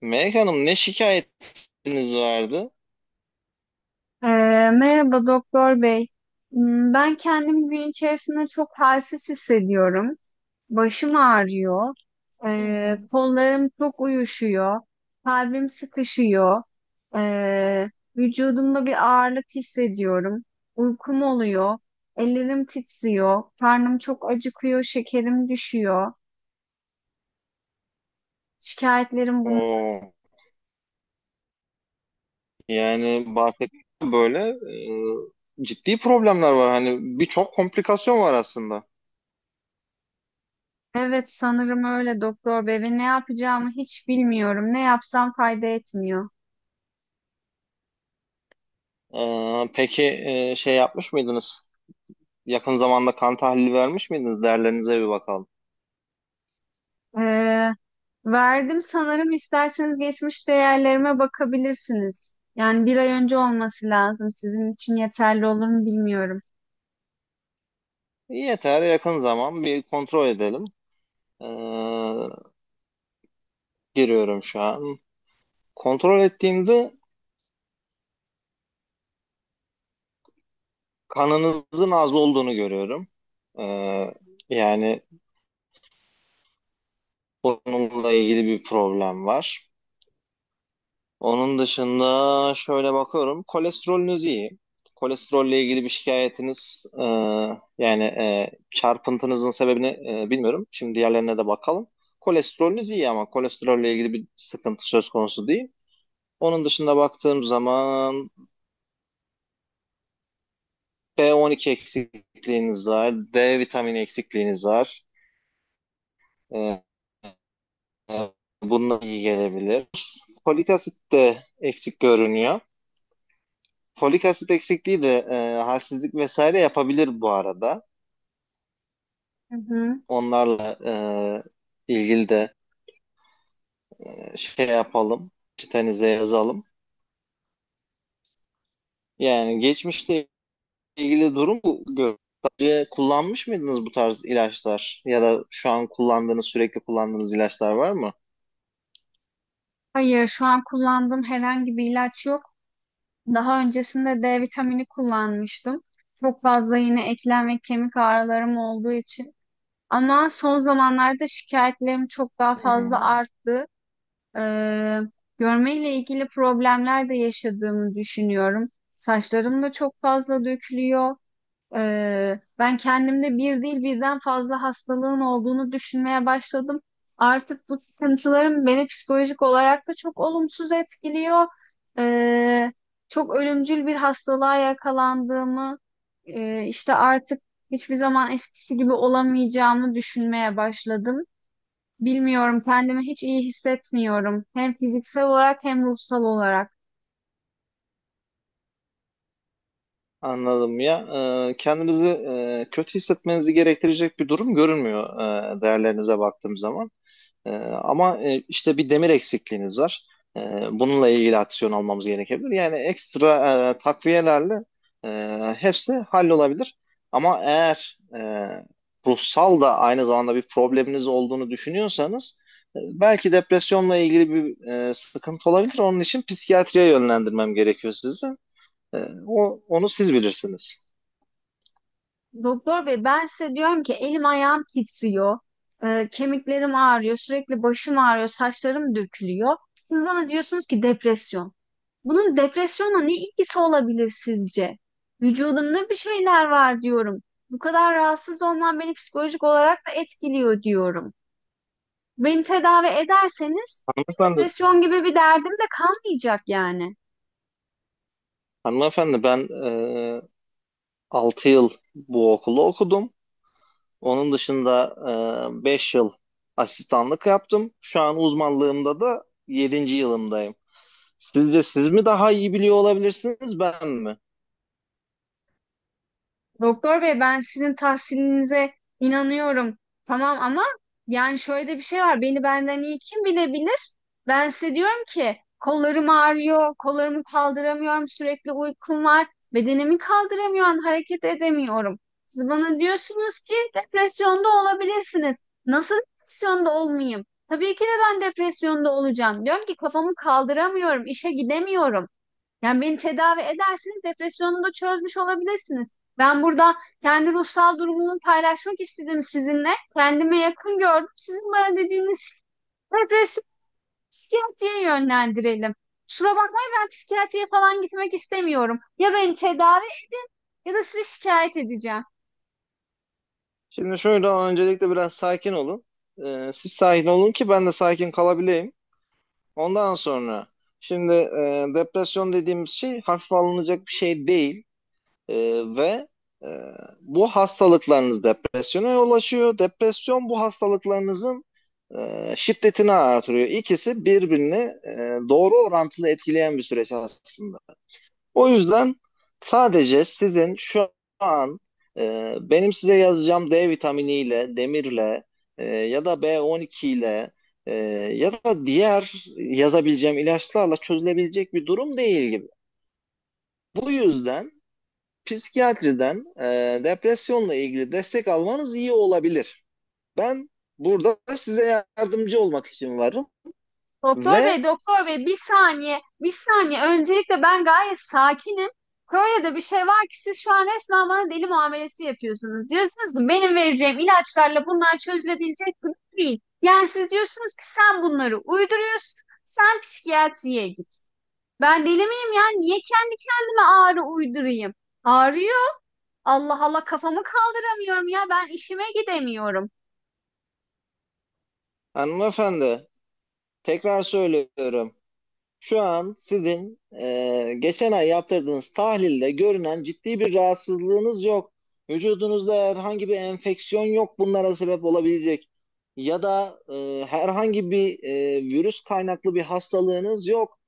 Melek Hanım ne şikayetiniz vardı? Ee, merhaba doktor bey. Hmm, ben kendimi gün içerisinde çok halsiz hissediyorum. Başım ağrıyor. Hı hı. Kollarım çok uyuşuyor. Kalbim sıkışıyor. Ee, vücudumda bir ağırlık hissediyorum. Uykum oluyor. Ellerim titriyor. Karnım çok acıkıyor. Şekerim düşüyor. Şikayetlerim bunlar. O yani bahsettiğim böyle ciddi problemler var. Hani birçok komplikasyon var aslında. Evet sanırım öyle doktor bey ve ne yapacağımı hiç bilmiyorum. Ne yapsam fayda etmiyor. Peki şey yapmış mıydınız? Yakın zamanda kan tahlili vermiş miydiniz? Değerlerinize bir bakalım. Ee, verdim sanırım isterseniz geçmiş değerlerime bakabilirsiniz. Yani bir ay önce olması lazım. Sizin için yeterli olur mu bilmiyorum. Yeter yakın zaman bir kontrol edelim. E, giriyorum şu an. Kontrol ettiğimde kanınızın az olduğunu görüyorum. E, yani onunla ilgili bir problem var. Onun dışında şöyle bakıyorum. Kolesterolünüz iyi. Kolesterolle ilgili bir şikayetiniz yani çarpıntınızın sebebini bilmiyorum. Şimdi diğerlerine de bakalım. Kolesterolünüz iyi ama kolesterolle ilgili bir sıkıntı söz konusu değil. Onun dışında baktığım zaman B12 eksikliğiniz var, D vitamini eksikliğiniz var. E, e, bununla iyi gelebilir. Folik asit de eksik görünüyor. Folik asit eksikliği de halsizlik vesaire yapabilir bu arada. Hı hı. Onlarla ilgili de şey yapalım, çitenize yazalım. Yani geçmişte ilgili durum bu. Önce kullanmış mıydınız bu tarz ilaçlar ya da şu an kullandığınız, sürekli kullandığınız ilaçlar var mı? Hayır, şu an kullandığım herhangi bir ilaç yok. Daha öncesinde D vitamini kullanmıştım. Çok fazla yine eklem ve kemik ağrılarım olduğu için. Ama son zamanlarda şikayetlerim çok daha fazla Hmm, arttı. Ee, görmeyle ilgili problemler de yaşadığımı düşünüyorum. Saçlarım da çok fazla dökülüyor. Ben kendimde bir değil birden fazla hastalığın olduğunu düşünmeye başladım. Artık bu sıkıntılarım beni psikolojik olarak da çok olumsuz etkiliyor. Ee, çok ölümcül bir hastalığa yakalandığımı, işte artık hiçbir zaman eskisi gibi olamayacağımı düşünmeye başladım. Bilmiyorum, kendimi hiç iyi hissetmiyorum. Hem fiziksel olarak hem ruhsal olarak. anladım ya. Kendinizi kötü hissetmenizi gerektirecek bir durum görünmüyor değerlerinize baktığım zaman. Ee, ama işte bir demir eksikliğiniz var. Bununla ilgili aksiyon almamız gerekebilir. Yani ekstra takviyelerle e, hepsi hallolabilir. Ama eğer ruhsal da aynı zamanda bir probleminiz olduğunu düşünüyorsanız belki depresyonla ilgili bir sıkıntı olabilir. Onun için psikiyatriye yönlendirmem gerekiyor sizi. E, onu siz bilirsiniz. Doktor bey, ben size diyorum ki elim ayağım titriyor, kemiklerim ağrıyor, sürekli başım ağrıyor, saçlarım dökülüyor. Siz bana diyorsunuz ki depresyon. Bunun depresyonla ne ilgisi olabilir sizce? Vücudumda bir şeyler var diyorum. Bu kadar rahatsız olmam beni psikolojik olarak da etkiliyor diyorum. Beni tedavi ederseniz Hanımefendi, depresyon gibi bir derdim de kalmayacak yani. hanımefendi ben 6 yıl bu okulu okudum. Onun dışında 5 yıl asistanlık yaptım. Şu an uzmanlığımda da yedinci yılımdayım. Sizce siz mi daha iyi biliyor olabilirsiniz, ben mi? Doktor bey ben sizin tahsilinize inanıyorum. Tamam ama yani şöyle de bir şey var. Beni benden iyi kim bilebilir? Ben size diyorum ki kollarım ağrıyor, kollarımı kaldıramıyorum, sürekli uykum var, bedenimi kaldıramıyorum, hareket edemiyorum. Siz bana diyorsunuz ki depresyonda olabilirsiniz. Nasıl depresyonda olmayayım? Tabii ki de ben depresyonda olacağım. Diyorum ki kafamı kaldıramıyorum, işe gidemiyorum. Yani beni tedavi edersiniz, depresyonumu da çözmüş olabilirsiniz. Ben burada kendi ruhsal durumumu paylaşmak istedim sizinle. Kendime yakın gördüm. Sizin bana dediğiniz depresyon psikiyatriye yönlendirelim. Kusura bakmayın ben psikiyatriye falan gitmek istemiyorum. Ya beni tedavi edin ya da sizi şikayet edeceğim. Şimdi şöyle öncelikle biraz sakin olun. Siz sakin olun ki ben de sakin kalabileyim. Ondan sonra şimdi depresyon dediğimiz şey hafif alınacak bir şey değil. Ee, ve e, bu hastalıklarınız depresyona yol açıyor. Depresyon bu hastalıklarınızın şiddetini artırıyor. İkisi birbirini doğru orantılı etkileyen bir süreç aslında. O yüzden sadece sizin şu an benim size yazacağım D vitaminiyle, demirle ya da B12 ile e, ya da diğer yazabileceğim ilaçlarla çözülebilecek bir durum değil gibi. Bu yüzden psikiyatriden depresyonla ilgili destek almanız iyi olabilir. Ben burada size yardımcı olmak için varım Doktor ve bey, doktor bey bir saniye, bir saniye. Öncelikle ben gayet sakinim. Kore'de bir şey var ki siz şu an resmen bana deli muamelesi yapıyorsunuz. Diyorsunuz ki benim vereceğim ilaçlarla bunlar çözülebilecek gibi değil. Yani siz diyorsunuz ki sen bunları uyduruyorsun, sen psikiyatriye git. Ben deli miyim ya? Niye kendi kendime ağrı uydurayım? Ağrıyor. Allah Allah kafamı kaldıramıyorum ya. Ben işime gidemiyorum. hanımefendi tekrar söylüyorum. Şu an sizin geçen ay yaptırdığınız tahlilde görünen ciddi bir rahatsızlığınız yok. Vücudunuzda herhangi bir enfeksiyon yok bunlara sebep olabilecek. Ya da herhangi bir virüs kaynaklı bir hastalığınız yok.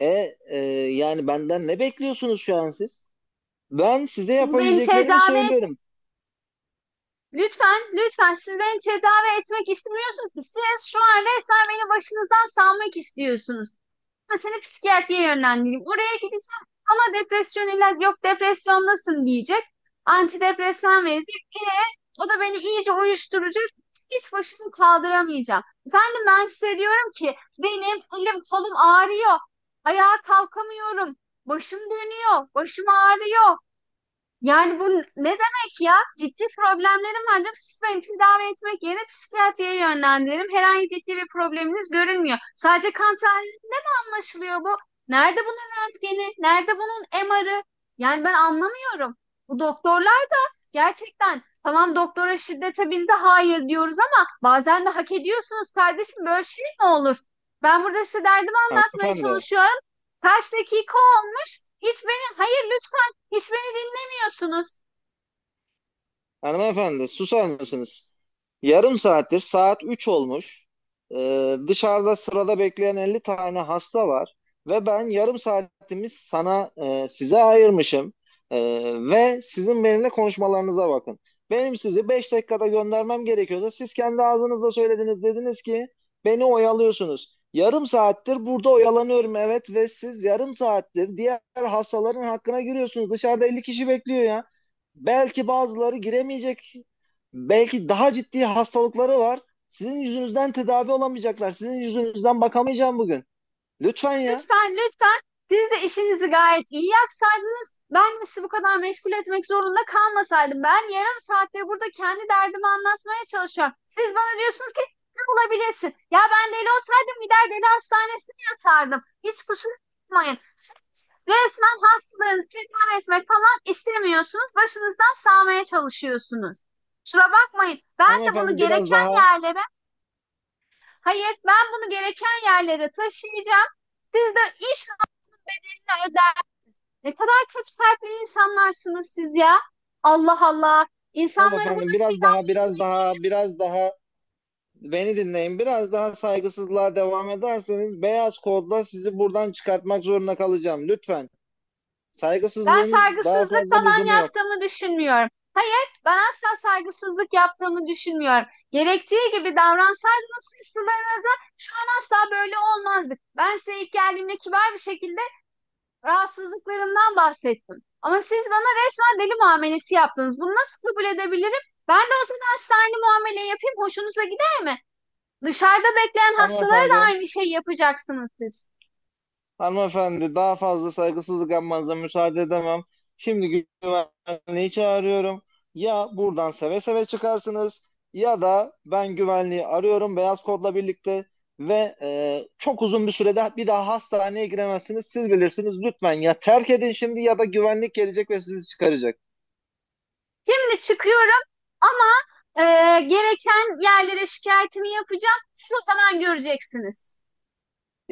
E, e, yani benden ne bekliyorsunuz şu an siz? Ben size Beni yapabileceklerimi tedavi söylüyorum. lütfen, lütfen siz beni tedavi etmek istemiyorsunuz ki. Siz şu an resmen beni başınızdan salmak istiyorsunuz. Ben seni psikiyatriye yönlendireyim. Oraya gideceğim ama depresyon ilaç yok depresyondasın diyecek. Antidepresan verecek. O da beni iyice uyuşturacak. Hiç başımı kaldıramayacağım. Efendim ben size diyorum ki benim elim kolum ağrıyor. Ayağa kalkamıyorum. Başım dönüyor. Başım ağrıyor. Yani bu ne demek ya? Ciddi problemlerim var diyorum. Siz beni tedavi etmek yerine psikiyatriye yönlendirelim. Herhangi ciddi bir probleminiz görünmüyor. Sadece kan anlaşılıyor bu? Nerede bunun röntgeni? Nerede bunun MR'ı? Yani ben anlamıyorum. Bu doktorlar da gerçekten tamam doktora şiddete biz de hayır diyoruz ama bazen de hak ediyorsunuz kardeşim böyle şey mi olur? Ben burada size derdimi anlatmaya Hanımefendi. çalışıyorum. Kaç dakika olmuş? Hiç beni hayır lütfen hiç beni dinlemiyorsunuz. Hanımefendi susar mısınız? Yarım saattir saat 3 olmuş. Dışarıda sırada bekleyen 50 tane hasta var. Ve ben yarım saatimi size ayırmışım. Ee, ve sizin benimle konuşmalarınıza bakın. Benim sizi 5 dakikada göndermem gerekiyordu. Siz kendi ağzınızla söylediniz. Dediniz ki beni oyalıyorsunuz. Yarım saattir burada oyalanıyorum, evet, ve siz yarım saattir diğer hastaların hakkına giriyorsunuz. Dışarıda 50 kişi bekliyor ya. Belki bazıları giremeyecek. Belki daha ciddi hastalıkları var. Sizin yüzünüzden tedavi olamayacaklar. Sizin yüzünüzden bakamayacağım bugün. Lütfen ya. Lütfen lütfen siz de işinizi gayet iyi yapsaydınız ben sizi bu kadar meşgul etmek zorunda kalmasaydım. Ben yarım saattir burada kendi derdimi anlatmaya çalışıyorum. Siz bana diyorsunuz ki ne olabilirsin? Ya ben deli olsaydım gider deli hastanesine yatardım. Hiç kusura bakmayın. Siz resmen hastalarınızı tedavi etmek falan istemiyorsunuz. Başınızdan sağmaya çalışıyorsunuz. Kusura bakmayın. Ben de bunu Hanımefendi biraz gereken daha, yerlere, hayır ben bunu gereken yerlere taşıyacağım. Siz de iş ne kadar kötü kalpli insanlarsınız siz ya. Allah Allah. İnsanları burada hanımefendi biraz daha, çiğden... biraz daha beni dinleyin. Biraz daha saygısızlığa devam ederseniz beyaz kodla sizi buradan çıkartmak zorunda kalacağım. Lütfen. Ben Saygısızlığın daha saygısızlık fazla lüzumu falan yok. yaptığımı düşünmüyorum. Hayır, ben asla saygısızlık yaptığımı düşünmüyorum. Gerektiği gibi davransaydınız hırslarınıza şu an asla böyle olmazdık. Ben size ilk geldiğimde kibar bir şekilde rahatsızlıklarımdan bahsettim. Ama siz bana resmen deli muamelesi yaptınız. Bunu nasıl kabul edebilirim? Ben de o zaman size muamele yapayım. Hoşunuza gider mi? Dışarıda bekleyen hastalara da Hanımefendi. aynı şeyi yapacaksınız siz. Hanımefendi daha fazla saygısızlık yapmanıza müsaade edemem. Şimdi güvenliği çağırıyorum. Ya buradan seve seve çıkarsınız ya da ben güvenliği arıyorum beyaz kodla birlikte ve çok uzun bir sürede bir daha hastaneye giremezsiniz. Siz bilirsiniz, lütfen ya, terk edin şimdi ya da güvenlik gelecek ve sizi çıkaracak. Şimdi çıkıyorum ama e, gereken yerlere şikayetimi yapacağım. Siz o zaman göreceksiniz.